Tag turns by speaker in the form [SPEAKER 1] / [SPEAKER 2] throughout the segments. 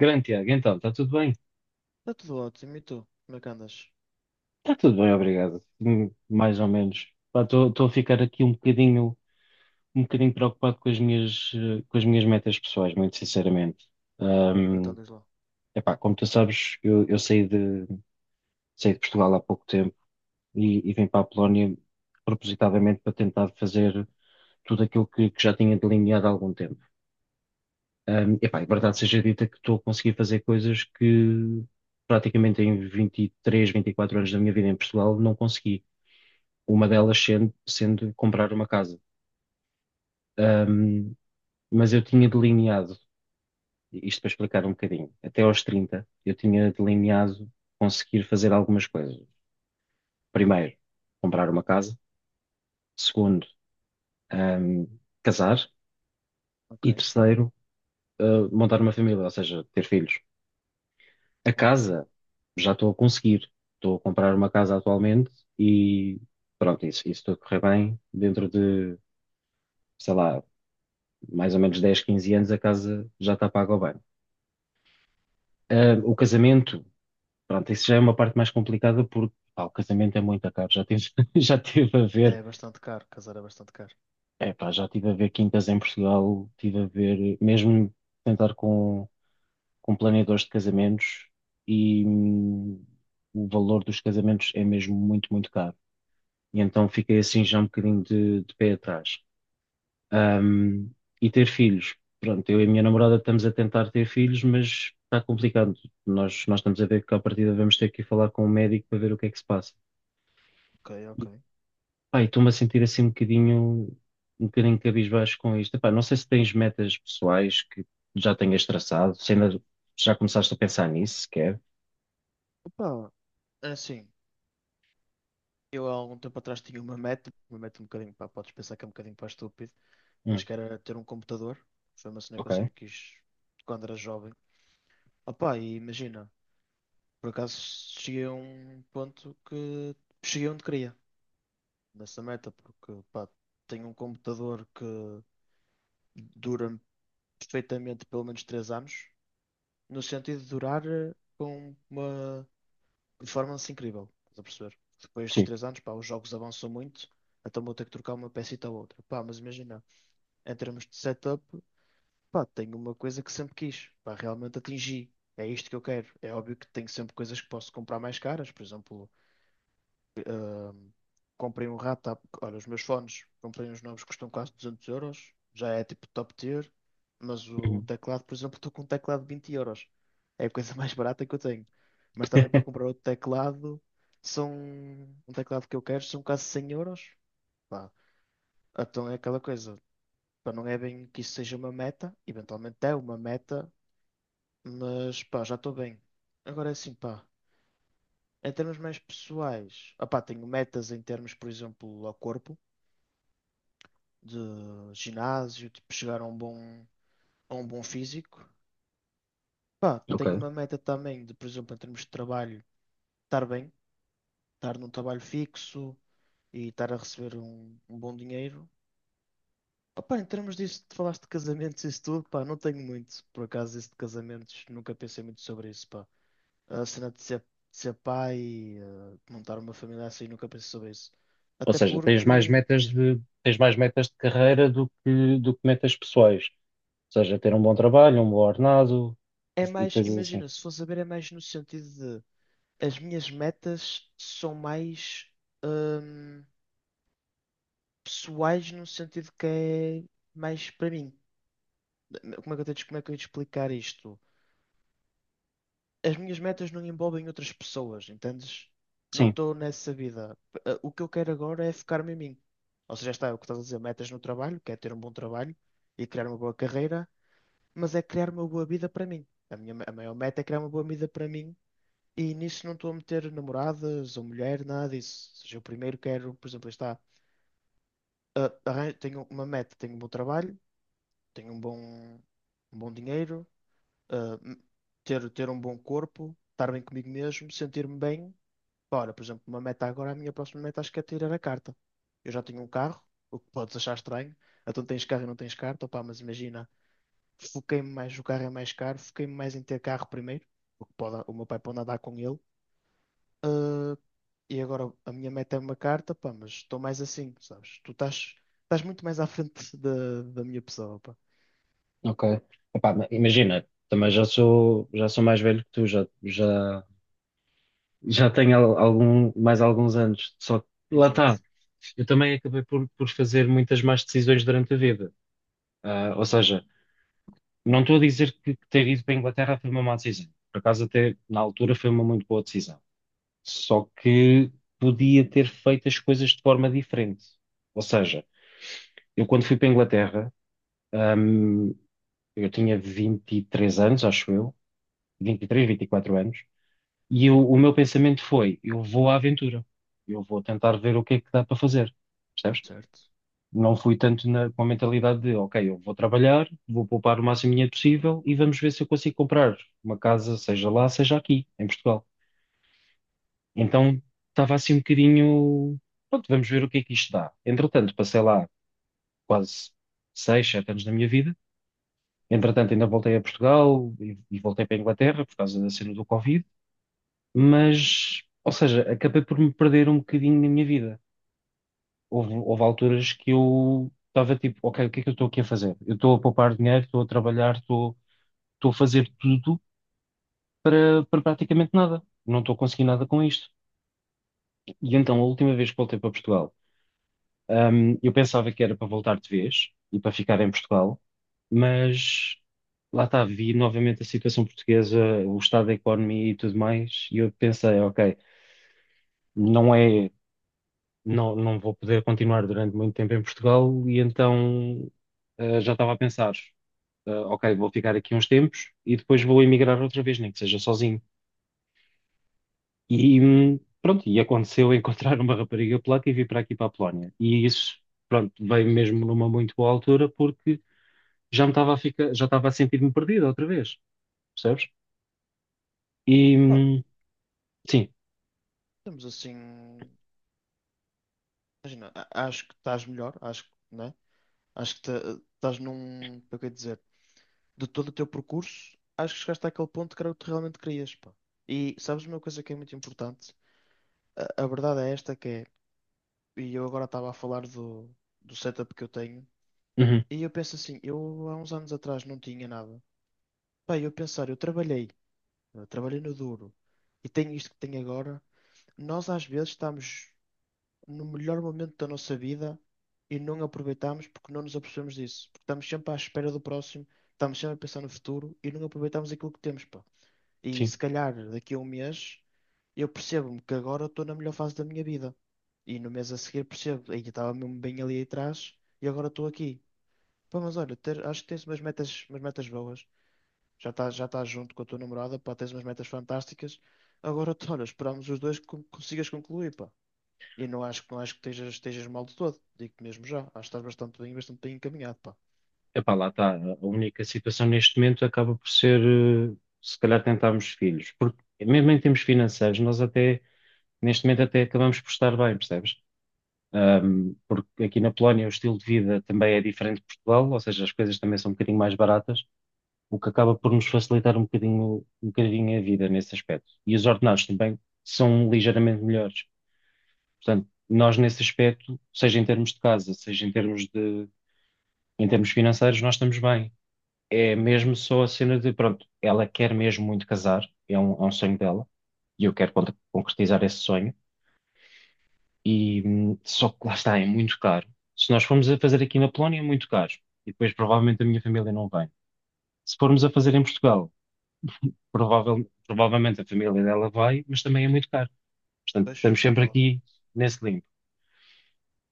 [SPEAKER 1] Grande Tiago, então, está tudo bem?
[SPEAKER 2] Está tudo ótimo. E tu? Como é que andas?
[SPEAKER 1] Está tudo bem, obrigado. Mais ou menos. Estou a ficar aqui um bocadinho preocupado com as minhas metas pessoais, muito sinceramente.
[SPEAKER 2] Então
[SPEAKER 1] Hum,
[SPEAKER 2] diz lá.
[SPEAKER 1] Epá, como tu sabes, eu saí de Portugal há pouco tempo e vim para a Polónia propositadamente para tentar fazer tudo aquilo que já tinha delineado há algum tempo. Epá, e verdade seja dita que estou a conseguir fazer coisas que praticamente em 23, 24 anos da minha vida em Portugal não consegui. Uma delas sendo comprar uma casa. Ahm, mas eu tinha delineado, isto para explicar um bocadinho, até aos 30 eu tinha delineado conseguir fazer algumas coisas. Primeiro, comprar uma casa. Segundo, ahm, casar.
[SPEAKER 2] Ok,
[SPEAKER 1] E terceiro, montar uma família, ou seja, ter filhos. A
[SPEAKER 2] ok.
[SPEAKER 1] casa, já estou a conseguir. Estou a comprar uma casa atualmente e pronto, isso tudo correr bem. Dentro de, sei lá, mais ou menos 10 15 anos, a casa já está paga ao bem. Ah, o casamento, pronto, isso já é uma parte mais complicada porque pá, o casamento é muito caro. Já tive, já tive a
[SPEAKER 2] É
[SPEAKER 1] ver,
[SPEAKER 2] bastante caro, casar é bastante caro.
[SPEAKER 1] é, pá, já tive a ver quintas em Portugal, tive a ver, mesmo tentar com planeadores de casamentos e o valor dos casamentos é mesmo muito, muito caro. E então fiquei assim já um bocadinho de pé atrás. Um, e ter filhos. Pronto, eu e a minha namorada estamos a tentar ter filhos, mas está complicado. Nós estamos a ver que à partida vamos ter que ir falar com o médico para ver o que é que se passa.
[SPEAKER 2] Ok, ok.
[SPEAKER 1] E, pá, e estou-me a sentir assim um bocadinho cabisbaixo com isto. Epá, não sei se tens metas pessoais que já tenhas traçado, se ainda já começaste a pensar nisso sequer.
[SPEAKER 2] Opa, é assim, eu há algum tempo atrás tinha uma meta um bocadinho, pá, podes pensar que é um bocadinho para estúpido, mas
[SPEAKER 1] Hum,
[SPEAKER 2] que era ter um computador. Foi uma cena que
[SPEAKER 1] ok,
[SPEAKER 2] eu sempre quis quando era jovem. Opa, e imagina, por acaso cheguei a um ponto que cheguei onde queria nessa meta, porque pá, tenho um computador que dura perfeitamente pelo menos 3 anos. No sentido de durar com uma performance incrível, estás a perceber? Depois dos
[SPEAKER 1] sim.
[SPEAKER 2] 3 anos, pá, os jogos avançam muito, então vou ter que trocar uma pecita ou outra. Pá, mas imagina, em termos de setup, pá, tenho uma coisa que sempre quis, pá, realmente atingi. É isto que eu quero. É óbvio que tenho sempre coisas que posso comprar mais caras, por exemplo, comprei um rato. Olha, os meus fones, comprei uns novos que custam quase 200 euros. Já é tipo top tier. Mas o
[SPEAKER 1] Uhum.
[SPEAKER 2] teclado, por exemplo, estou com um teclado de 20 euros. É a coisa mais barata que eu tenho. Mas também para comprar outro teclado, são um teclado que eu quero, são quase 100 euros. Pá, então é aquela coisa. Pá, não é bem que isso seja uma meta. Eventualmente é uma meta. Mas pá, já estou bem. Agora é assim, pá. Em termos mais pessoais, opá, tenho metas em termos, por exemplo, ao corpo. De ginásio, tipo, chegar a um bom físico. Pá,
[SPEAKER 1] Ok.
[SPEAKER 2] tenho uma meta também de, por exemplo, em termos de trabalho, estar bem, estar num trabalho fixo e estar a receber um bom dinheiro. Opa, em termos disso, tu falaste de casamentos e isso tudo, pá, não tenho muito, por acaso, isso de casamentos, nunca pensei muito sobre isso, pá. A cena de ser pai e de montar uma família assim, nunca pensei sobre isso.
[SPEAKER 1] Ou
[SPEAKER 2] Até
[SPEAKER 1] seja, tens
[SPEAKER 2] porque,
[SPEAKER 1] mais metas
[SPEAKER 2] diz-me,
[SPEAKER 1] de, tens mais metas de carreira do que metas pessoais. Seja, ter um bom trabalho, um bom ordenado
[SPEAKER 2] é
[SPEAKER 1] e
[SPEAKER 2] mais,
[SPEAKER 1] coisas assim.
[SPEAKER 2] imagina, se fosse a ver, é mais no sentido de as minhas metas são mais hum, pessoais no sentido que é mais para mim. Como é que eu tenho, como é que eu ia te explicar isto? As minhas metas não envolvem outras pessoas, entendes? Não
[SPEAKER 1] Sim,
[SPEAKER 2] estou nessa vida. O que eu quero agora é focar-me em mim. Ou seja, está é o que estás a dizer, metas no trabalho, que é ter um bom trabalho e criar uma boa carreira, mas é criar uma boa vida para mim. A maior meta é criar uma boa vida para mim e nisso não estou a meter namoradas ou mulher, nada disso. Ou seja, eu primeiro quero, por exemplo, está tenho uma meta, tenho um bom trabalho, tenho um bom dinheiro, ah, m- ter um bom corpo, estar bem comigo mesmo, sentir-me bem. Ora, por exemplo, uma meta agora, a minha próxima meta acho que é tirar a carta. Eu já tenho um carro, o que podes achar estranho. Então tens carro e não tens carta, opá, mas imagina, foquei-me mais, o carro é mais caro, foquei-me mais em ter carro primeiro, o que pode, o meu pai pode andar com ele. Ah, e agora a minha meta é uma carta, pá, mas estou mais assim, sabes? Tu estás, estás muito mais à frente da minha pessoa, pá.
[SPEAKER 1] ok. Epá, imagina, também já sou mais velho que tu, já tenho mais alguns anos. Só que lá está.
[SPEAKER 2] Exato,
[SPEAKER 1] Eu também acabei por fazer muitas más decisões durante a vida. Ah, ou seja, não estou a dizer que ter ido para a Inglaterra foi uma má decisão. Por acaso, até na altura, foi uma muito boa decisão. Só que podia ter feito as coisas de forma diferente. Ou seja, eu quando fui para a Inglaterra. Ahm, eu tinha 23 anos, acho eu, 23, vinte e quatro anos, o meu pensamento foi: eu vou à aventura, eu vou tentar ver o que é que dá para fazer, percebes?
[SPEAKER 2] certo.
[SPEAKER 1] Não fui tanto com a mentalidade de, ok, eu vou trabalhar, vou poupar o máximo de dinheiro possível e vamos ver se eu consigo comprar uma casa, seja lá, seja aqui, em Portugal. Então estava assim um bocadinho, pronto, vamos ver o que é que isto dá. Entretanto, passei lá quase 6, 7 anos da minha vida. Entretanto, ainda voltei a Portugal e voltei para a Inglaterra por causa da cena do Covid, mas, ou seja, acabei por me perder um bocadinho na minha vida. Houve, houve alturas que eu estava tipo, ok, o que é que eu estou aqui a fazer? Eu estou a poupar dinheiro, estou a trabalhar, estou a fazer tudo para praticamente nada. Não estou a conseguir nada com isto. E então, a última vez que voltei para Portugal, eu pensava que era para voltar de vez e para ficar em Portugal. Mas lá está, vi novamente a situação portuguesa, o estado da economia e tudo mais, e eu pensei, ok, não é, não vou poder continuar durante muito tempo em Portugal, e então já estava a pensar, ok, vou ficar aqui uns tempos e depois vou emigrar outra vez, nem que seja sozinho. E pronto, e aconteceu encontrar uma rapariga polaca e vir para aqui para a Polónia. E isso, pronto, veio mesmo numa muito boa altura porque já estava a sentir-me perdido outra vez, percebes? E
[SPEAKER 2] Pá,
[SPEAKER 1] sim,
[SPEAKER 2] temos assim. Imagina, acho que estás melhor, acho que, né? Acho que estás num. Como é que eu ia dizer? De todo o teu percurso, acho que chegaste àquele ponto que era o que tu realmente querias, pá. E sabes uma coisa que é muito importante? A verdade é esta que é. E eu agora estava a falar do, do setup que eu tenho.
[SPEAKER 1] uhum,
[SPEAKER 2] E eu penso assim, eu há uns anos atrás não tinha nada. Pá, eu pensar, eu trabalhei no duro e tenho isto que tenho agora. Nós às vezes estamos no melhor momento da nossa vida e não aproveitamos porque não nos apercebemos disso. Porque estamos sempre à espera do próximo, estamos sempre a pensar no futuro e não aproveitamos aquilo que temos, pá. E
[SPEAKER 1] sim.
[SPEAKER 2] se calhar daqui a um mês eu percebo-me que agora estou na melhor fase da minha vida. E no mês a seguir percebo, aí estava mesmo bem ali atrás e agora estou aqui. Pá, mas olha, acho que tens umas metas boas. Já estás junto com a tua namorada, pá, tens umas metas fantásticas. Agora, olha, esperamos os dois que consigas concluir, pá. E não acho, não acho que estejas, estejas mal de todo. Digo-te mesmo já. Acho que estás bastante bem encaminhado, pá.
[SPEAKER 1] Epá, lá está. A única situação neste momento acaba por ser, eh, se calhar, tentarmos filhos. Porque mesmo em termos financeiros, nós até, neste momento, até acabamos por estar bem, percebes? Porque aqui na Polónia o estilo de vida também é diferente de Portugal, ou seja, as coisas também são um bocadinho mais baratas, o que acaba por nos facilitar um bocadinho a vida nesse aspecto. E os ordenados também são ligeiramente melhores. Portanto, nós nesse aspecto, seja em termos de casa, seja em termos de em termos financeiros, nós estamos bem. É mesmo só a cena de, pronto, ela quer mesmo muito casar, é um sonho dela, e eu quero concretizar esse sonho, e só que lá está, é muito caro. Se nós formos a fazer aqui na Polónia, é muito caro, e depois provavelmente a minha família não vem. Se formos a fazer em Portugal, provavelmente a família dela vai, mas também é muito caro. Portanto,
[SPEAKER 2] Pois,
[SPEAKER 1] estamos sempre
[SPEAKER 2] real.
[SPEAKER 1] aqui nesse limbo.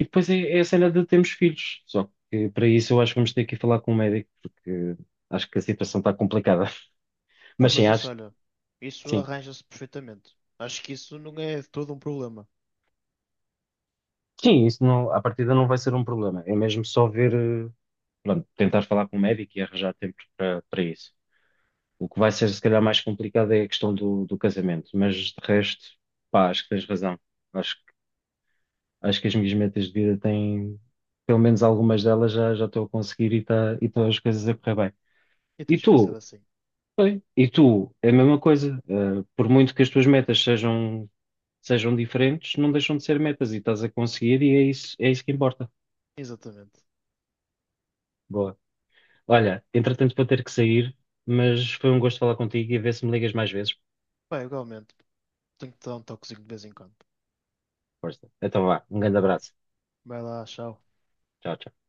[SPEAKER 1] E depois é a cena de termos filhos, só que para isso eu acho que vamos ter que ir falar com um médico, porque acho que a situação está complicada.
[SPEAKER 2] Ah,
[SPEAKER 1] Mas sim,
[SPEAKER 2] mas isso,
[SPEAKER 1] acho que
[SPEAKER 2] olha, isso
[SPEAKER 1] sim.
[SPEAKER 2] arranja-se perfeitamente. Acho que isso não é de todo um problema.
[SPEAKER 1] Sim, isso não, à partida não vai ser um problema. É mesmo só ver, pronto, tentar falar com o médico e arranjar tempo para para isso. O que vai ser se calhar mais complicado é a questão do, do casamento, mas de resto, pá, acho que tens razão. Acho, acho que as minhas metas de vida têm, pelo menos algumas delas já, já estou a conseguir e está e estão as coisas a correr bem.
[SPEAKER 2] E
[SPEAKER 1] E
[SPEAKER 2] tens de pensar
[SPEAKER 1] tu?
[SPEAKER 2] assim.
[SPEAKER 1] E tu? É a mesma coisa. Por muito que as tuas metas sejam, diferentes, não deixam de ser metas e estás a conseguir e é isso que importa.
[SPEAKER 2] Exatamente.
[SPEAKER 1] Boa. Olha, entretanto vou ter que sair, mas foi um gosto falar contigo e a ver se me ligas mais vezes.
[SPEAKER 2] Bem, igualmente. Tenho que te dar um toquezinho de vez em quando.
[SPEAKER 1] Força. Então vá, um grande abraço.
[SPEAKER 2] Vai lá, tchau.
[SPEAKER 1] Tchau, tchau.